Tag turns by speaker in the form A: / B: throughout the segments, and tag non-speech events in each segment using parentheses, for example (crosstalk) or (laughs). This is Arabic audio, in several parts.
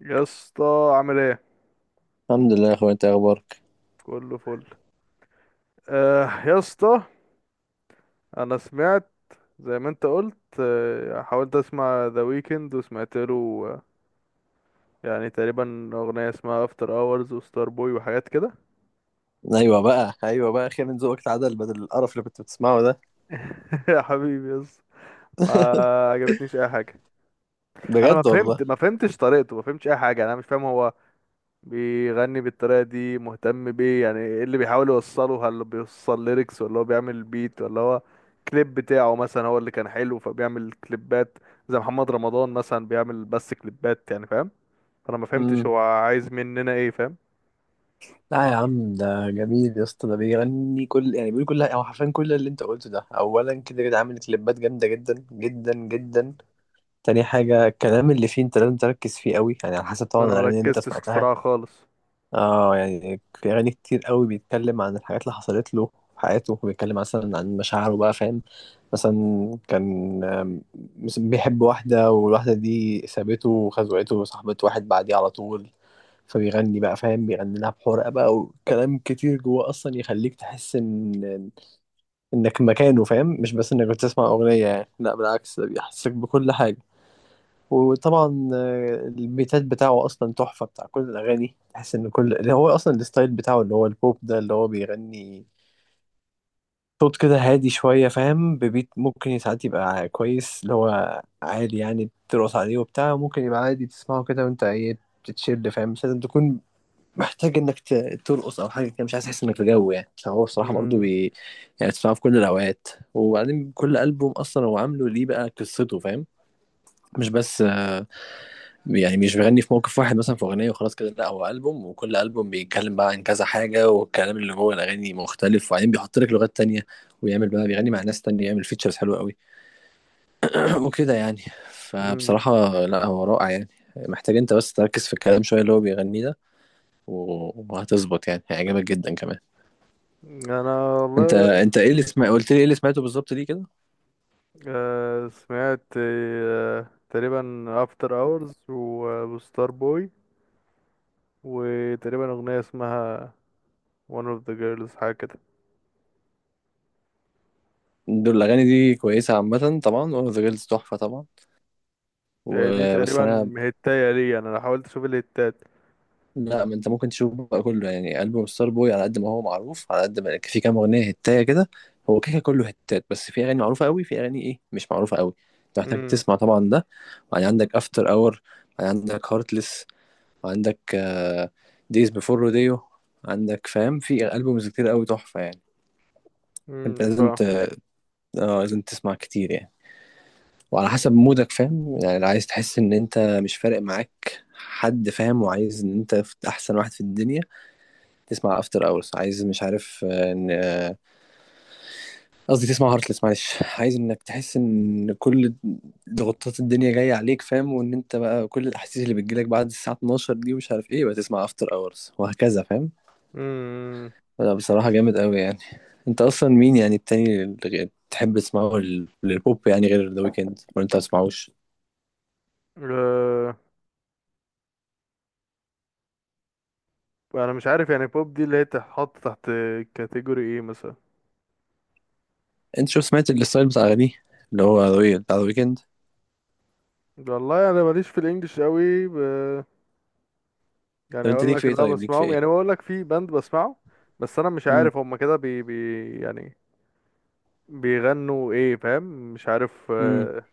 A: يا اسطى، عامل ايه؟
B: الحمد لله يا اخويا، انت إيه اخبارك؟
A: كله فل. آه يا اسطى، انا سمعت زي ما انت قلت. حاولت اسمع ذا ويكند وسمعت له. آه، يعني تقريبا اغنيه اسمها افتر اورز وستار بوي وحاجات كده.
B: ايوه بقى اخيرا ذوقك اتعدل، بدل القرف اللي كنت بتسمعه ده.
A: (laughs) يا حبيبي يا اسطى، ما عجبتنيش اي حاجه. انا
B: بجد والله.
A: ما فهمتش طريقته، ما فهمتش اي حاجه. انا مش فاهم هو بيغني بالطريقة دي مهتم بيه. يعني ايه اللي بيحاول يوصله؟ هل بيوصل ليركس ولا هو بيعمل بيت ولا هو كليب بتاعه مثلا هو اللي كان حلو، فبيعمل كليبات زي محمد رمضان مثلا، بيعمل بس كليبات يعني، فاهم؟ فانا ما فهمتش
B: امم.
A: هو عايز مننا ايه، فاهم؟
B: لا يا عم، ده جميل يا اسطى. ده بيغني كل، يعني بيقول كل، او حرفيا كل اللي انت قلته ده. اولا كده كده عامل كليبات جامده جدا جدا جدا. تاني حاجه الكلام اللي فيه انت لازم تركز فيه قوي، يعني على حسب طبعا
A: انا ما
B: الاغاني اللي انت
A: ركزتش
B: سمعتها.
A: الصراحة خالص.
B: اه يعني في اغاني كتير قوي بيتكلم عن الحاجات اللي حصلت له في حياته، وبيتكلم مثلا عن مشاعره بقى فاهم. مثلا كان مثلا بيحب واحدة، والواحدة دي سابته وخزوقته وصاحبت واحد بعديه على طول. فبيغني بقى فاهم، بيغني لها بحرقة بقى، وكلام كتير جوه اصلا يخليك تحس ان انك مكانه فاهم، مش بس انك بتسمع اغنية يعني، لا بالعكس ده بيحسسك بكل حاجة. وطبعا البيتات بتاعه اصلا تحفه بتاع كل الاغاني. تحس ان كل اللي هو اصلا الستايل بتاعه اللي هو البوب ده اللي هو بيغني صوت كده هادي شويه فاهم. ببيت ممكن ساعات يبقى كويس اللي هو عالي، يعني ترقص عليه وبتاع، ممكن يبقى عادي تسمعه كده وانت ايه بتتشيل فاهم. مش لازم تكون محتاج انك ترقص او حاجه كده، مش عايز تحس انك في جو يعني. فهو بصراحه برضه
A: مم.
B: يعني تسمعه في كل الاوقات. وبعدين كل البوم اصلا هو عامله ليه بقى قصته فاهم. مش بس يعني مش بيغني في موقف واحد مثلا في اغنيه وخلاص كده، لا هو البوم، وكل البوم بيتكلم بقى عن كذا حاجه، والكلام اللي جوه الاغاني مختلف. وبعدين بيحط لك لغات تانية، ويعمل بقى بيغني مع ناس تانية، يعمل فيتشرز حلوه قوي (clears throat) وكده يعني.
A: مم.
B: فبصراحه لا هو رائع يعني. محتاج انت بس تركز في الكلام شويه اللي هو بيغنيه ده وهتظبط يعني، هيعجبك جدا كمان.
A: انا
B: انت
A: والله
B: انت ايه اللي سمع، قلت لي ايه اللي سمعته بالظبط ليه كده؟
A: سمعت تقريبا افتر اورز وستار بوي، وتقريبا اغنية اسمها one of the girls حاجة كده.
B: دول الاغاني دي كويسه عامه طبعا، وذا جيرلز تحفه طبعا.
A: يعني دي
B: وبس انا.
A: تقريبا هتاية لي، انا لو حاولت اشوف الهتات.
B: لا، ما انت ممكن تشوف بقى كله يعني. ألبوم ستار بوي على قد ما هو معروف، على قد ما في كام أغنية هتاية كده. هو كده كده كله هتات، بس في أغاني معروفة قوي، في أغاني إيه مش معروفة قوي. انت محتاج
A: امم.
B: تسمع طبعا ده. وبعدين عندك أفتر أور، عندك هارتلس، وعندك دايز بيفور روديو، عندك فاهم في ألبومز كتير قوي تحفة يعني. انت لازم
A: اه.
B: ت... اه لازم تسمع كتير يعني. وعلى حسب مودك فاهم، يعني لو عايز تحس ان انت مش فارق معاك حد فاهم، وعايز ان انت احسن واحد في الدنيا، تسمع افتر اورز. عايز مش عارف آه، ان آه، قصدي تسمع هارتلس معلش (laughs) عايز انك تحس ان كل ضغوطات الدنيا جايه عليك فاهم، وان انت بقى كل الاحاسيس اللي بتجيلك بعد الساعه 12 دي ومش عارف ايه، بتسمع افتر اورز وهكذا فاهم.
A: امم.
B: لا بصراحه جامد قوي يعني. انت اصلا مين يعني التاني اللي تحب تسمعه للبوب يعني، غير ذا ويكند، ولا انت ما تسمعوش؟
A: آه، انا مش عارف، يعني بوب دي اللي هي تتحط تحت كاتيجوري ايه مثلا؟
B: انت شو سمعت الستايل بتاع اغانيه اللي هو The Weeknd، بتاع ذا ويكند.
A: والله انا ماليش في الانجليش قوي،
B: طب
A: يعني
B: انت
A: اقول
B: ليك في
A: لك
B: ايه؟
A: اللي انا
B: طيب ليك في
A: بسمعهم، يعني
B: ايه؟
A: بقول لك في باند بسمعه. بس انا مش
B: امم.
A: عارف هم كده بي... بي يعني بيغنوا ايه، فاهم؟ مش عارف
B: امم.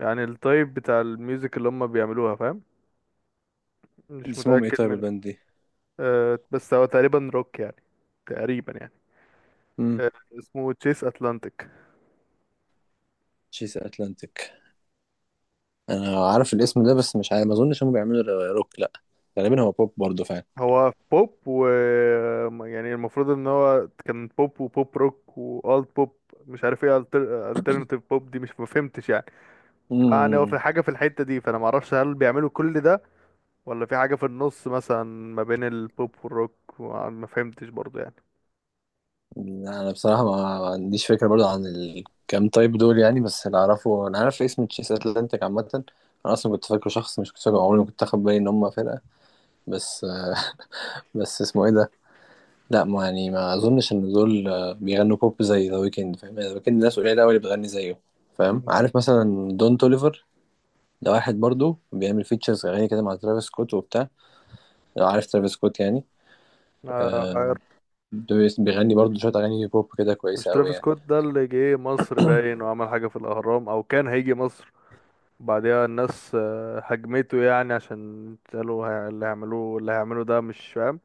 A: يعني التايب بتاع الميوزك اللي هم بيعملوها، فاهم؟ مش
B: اسمهم ايه
A: متأكد
B: طيب
A: من...
B: الباند دي؟
A: بس هو تقريبا روك يعني. تقريبا يعني.
B: امم.
A: آه، اسمه تشيس اتلانتيك.
B: تشيس اتلانتيك؟ انا عارف الاسم ده بس مش عارف، ما اظنش هم بيعملوا روك، لا. غالبا هو بوب برضه فعلا.
A: هو بوب و... يعني المفروض ان هو كان بوب وبوب روك والت بوب، مش عارف ايه. الترناتيف بوب دي مش مفهمتش يعني. فيعني هو
B: امم.
A: في حاجه في الحته دي، فانا معرفش هل بيعملوا كل ده ولا في حاجه في النص مثلا ما بين البوب والروك. ما فهمتش برضو يعني.
B: انا بصراحه ما عنديش فكره برضه عن الكام تايب دول يعني، بس اللي اعرفه انا عارف اسم تشيس اتلانتيك عامه. انا اصلا كنت فاكره شخص، مش كنت فاكره، عمري ما كنت اخد بالي ان هم فرقه. بس. بس اسمه ايه ده؟ لا ما يعني، ما اظنش ان دول بيغنوا بوب زي ذا ويكند فاهم. ذا ويكند ناس قليله قوي اللي بتغني زيه فاهم. عارف مثلا دون توليفر؟ ده واحد برضه بيعمل فيتشرز اغاني كده مع ترافيس سكوت وبتاع. لو عارف ترافيس سكوت يعني.
A: آه،
B: آه،
A: عارف.
B: ده بيغني برضه شوية أغاني بوب كده
A: مش
B: كويسة أوي
A: ترافيس
B: يعني.
A: سكوت ده اللي جه مصر باين وعمل حاجه في الاهرام، او كان هيجي مصر بعدها الناس هجمته يعني، عشان قالوا اللي هيعملوه، اللي هيعمله ده مش فاهم،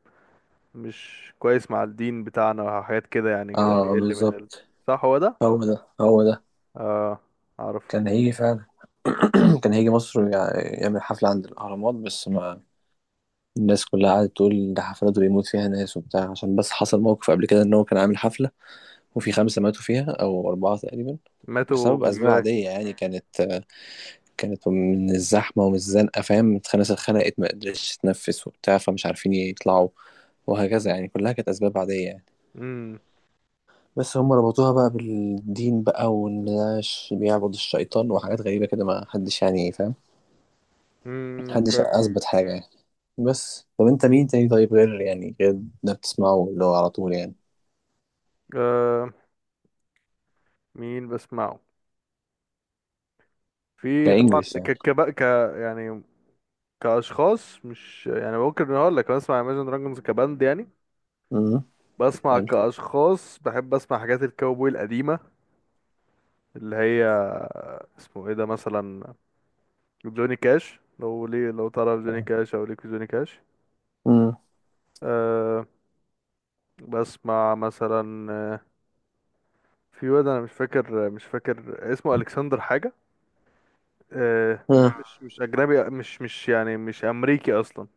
A: مش كويس مع الدين بتاعنا وحاجات كده يعني، كده
B: اه
A: بيقل من ال...
B: بالظبط.
A: صح، هو ده.
B: هو ده هو ده.
A: اه، اعرفه.
B: كان هيجي فعلا (clears throat) كان هيجي مصر يعمل حفلة عند الأهرامات، بس ما. الناس كلها قعدت تقول ده حفلات بيموت فيها ناس وبتاع، عشان بس حصل موقف قبل كده إن هو كان عامل حفلة وفي خمسة ماتوا فيها أو أربعة تقريبا، بسبب
A: ماتوا
B: أسباب
A: ازاي؟
B: عادية يعني. كانت من الزحمة ومن الزنقة فاهم، الناس اتخنقت، ما قدرتش تتنفس وبتاع، فمش عارفين يطلعوا، وهكذا يعني، كلها كانت أسباب عادية يعني.
A: امم.
B: بس هم ربطوها بقى بالدين بقى، وان ده بيعبد الشيطان وحاجات غريبة كده، ما حدش يعني فاهم. محدش
A: فاهم.
B: أثبت حاجة يعني. بس طب انت مين تاني طيب غير، يعني غير ده بتسمعه اللي هو على طول يعني؟
A: آه، مين بسمعه؟ في طبعا
B: كإنجلش
A: ك
B: يعني.
A: كب... ك يعني كاشخاص، مش يعني، ممكن اقول لك بسمع Imagine Dragons كباند يعني.
B: امم.
A: بسمع
B: حلو.
A: كاشخاص، بحب اسمع حاجات الكاوبوي القديمه، اللي هي اسمه ايه ده مثلا، جوني كاش. لو ليه، لو تعرف جوني كاش او ليك في جوني كاش.
B: امم.
A: أه. بسمع مثلا في واد انا مش فاكر اسمه الكسندر حاجه. أه ده
B: ها.
A: مش اجنبي، مش يعني مش امريكي اصلا.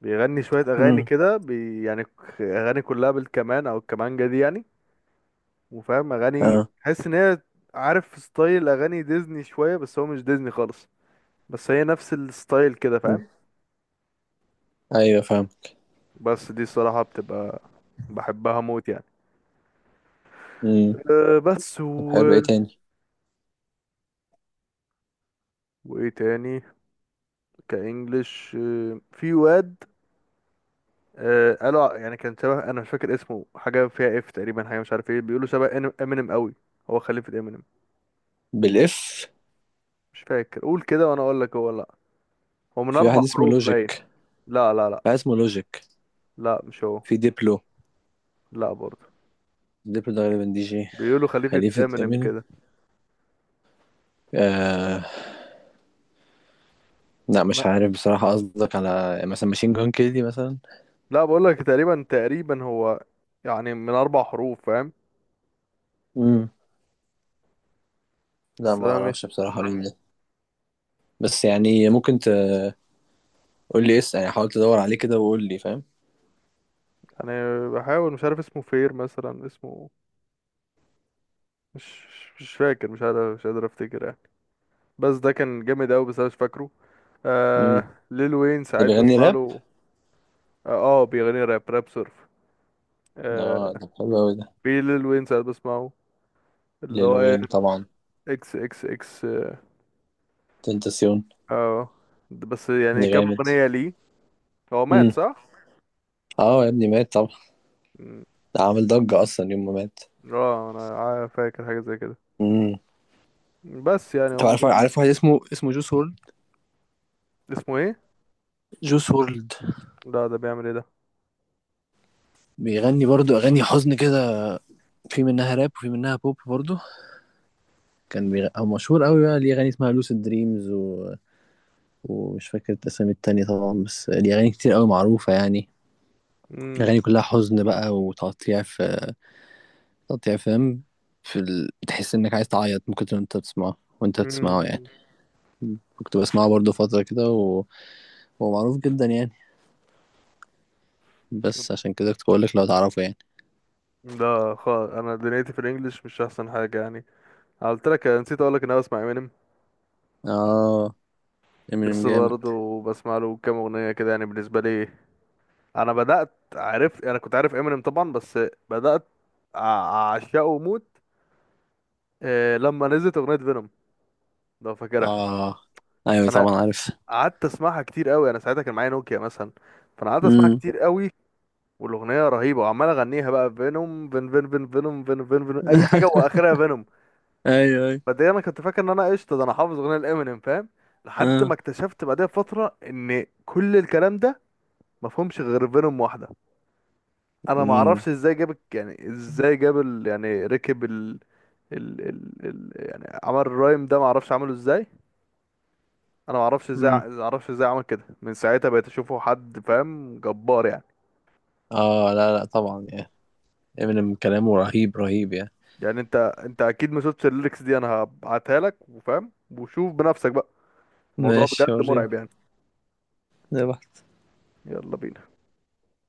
A: بيغني شويه اغاني
B: امم.
A: كده بي يعني اغاني كلها بالكمان او الكمانجه دي يعني. وفاهم اغاني
B: ها.
A: تحس ان هي، عارف، ستايل اغاني ديزني شويه بس هو مش ديزني خالص، بس هي نفس الستايل كده،
B: مم.
A: فاهم؟
B: ايوه فاهم.
A: بس دي الصراحة بتبقى بحبها موت يعني.
B: امم.
A: أه بس
B: طب
A: و...
B: حلو ايه تاني؟
A: وايه تاني؟ كإنجليش أه في واد، أه قالوا يعني كان شبه، انا مش فاكر اسمه، حاجة فيها اف تقريبا، حاجة مش عارف ايه، بيقولوا شبه امينيم قوي، هو خليفة امينيم.
B: بالاف؟
A: مش فاكر، قول كده وانا اقول لك هو. لا، هو من
B: في
A: اربع
B: واحد اسمه
A: حروف باين.
B: لوجيك
A: لا لا لا.
B: واحد اسمه لوجيك
A: لا مش هو.
B: في ديبلو.
A: لا برضه.
B: ديبلو ده غالبا دي جي.
A: بيقولوا خليفة
B: خليفة
A: امينيم كده.
B: امينيم؟ لا
A: لا.
B: مش عارف بصراحة. قصدك على مثلا ماشين جون كيلي مثلا؟
A: لا، بقول لك تقريبا، هو يعني من اربع حروف، فاهم؟
B: امم. لا
A: بس
B: ما
A: انا
B: اعرفش بصراحة مين ده. بس يعني ممكن تقول لي اسم يعني، حاول تدور عليه كده وقول لي فاهم.
A: انا بحاول. مش عارف اسمه، فير مثلا اسمه، مش... فاكر، مش عارف، مش قادر افتكر يعني، بس ده كان جامد قوي بس انا مش فاكره.
B: امم.
A: آه ليل وين ساعات
B: اللي بيغني
A: بسمع
B: راب؟
A: له. اه، بيغني راب، راب سيرف.
B: اه
A: آه.
B: ده حلو قوي ده.
A: في ليل وين ساعات بسمعه، اللي
B: ليل
A: هو إيه؟
B: وين طبعا.
A: اكس اكس اكس اه.
B: تنتاسيون.
A: آه. بس يعني
B: ده
A: كام
B: جامد.
A: اغنية ليه. هو مات،
B: امم.
A: صح؟
B: اه يا ابني مات طبعا.
A: مم.
B: ده عامل ضجة اصلا يوم ما مات.
A: اه، انا فاكر حاجة زي كده.
B: امم.
A: بس يعني
B: طب
A: هم
B: عارف،
A: دول.
B: واحد اسمه جوس وورلد؟
A: اسمه ايه؟
B: جوس وورلد.
A: لا، ده بيعمل ايه ده؟
B: بيغني برضو اغاني حزن كده، في منها راب وفي منها بوب برضو. هو مشهور قوي بقى ليه اغاني اسمها لوسيد دريمز، و ومش فاكر الاسامي التانية طبعا، بس دي أغاني كتير أوي معروفة يعني.
A: مم.
B: أغاني كلها حزن بقى وتقطيع، في تقطيع فاهم. في ال... تحس إنك عايز تعيط ممكن وأنت بتسمعه، وأنت بتسمعه يعني.
A: مم.
B: كنت بسمعه برضه فترة كده و... هو معروف جدا يعني. بس عشان كده كنت بقولك لو تعرفه يعني.
A: لا خالص، انا دنيتي في الانجليش مش احسن حاجه يعني. أنا قلت لك نسيت اقول لك ان انا بسمع امينيم.
B: آه. إمينيم
A: بس
B: جامد.
A: برضه بسمع له كام اغنيه كده يعني بالنسبه لي. انا بدات عرفت، انا كنت عارف امينيم طبعا، بس بدات اعشقه موت لما نزلت اغنيه فينوم، لو فاكرها.
B: آه أيوة
A: انا
B: طبعا عارف.
A: قعدت اسمعها كتير قوي، انا ساعتها كان معايا نوكيا مثلا، فانا قعدت اسمعها
B: امم.
A: كتير قوي. والاغنيه رهيبه وعمال اغنيها بقى، فينوم فين فين فين فينوم فين فين فين اي حاجه
B: (laughs)
A: واخرها فينوم.
B: أيوة أيوة.
A: بعدين انا كنت فاكر ان انا قشطه، ده انا حافظ اغنيه الامينيم، فاهم؟ لحد ما
B: آه.
A: اكتشفت بعدها بفتره ان كل الكلام ده مفهومش غير فينوم واحده. انا ما
B: امم.
A: اعرفش ازاي جاب يعني ازاي جاب ال... يعني ركب ال... ال... ال... ال... يعني عمل الرايم ده، ما اعرفش عمله ازاي. انا ما اعرفش ازاي
B: امم.
A: ما اعرفش ازاي عمل كده. من ساعتها بقيت اشوفه حد، فاهم، جبار يعني.
B: آه لا لا طبعا يعني. إمينيم كلامه رهيب رهيب يعني.
A: يعني انت اكيد ما شفتش الليركس دي، انا هبعتها لك وفاهم، وشوف بنفسك بقى. الموضوع بجد
B: ماشي وريني.
A: مرعب يعني.
B: صباح.
A: يلا بينا.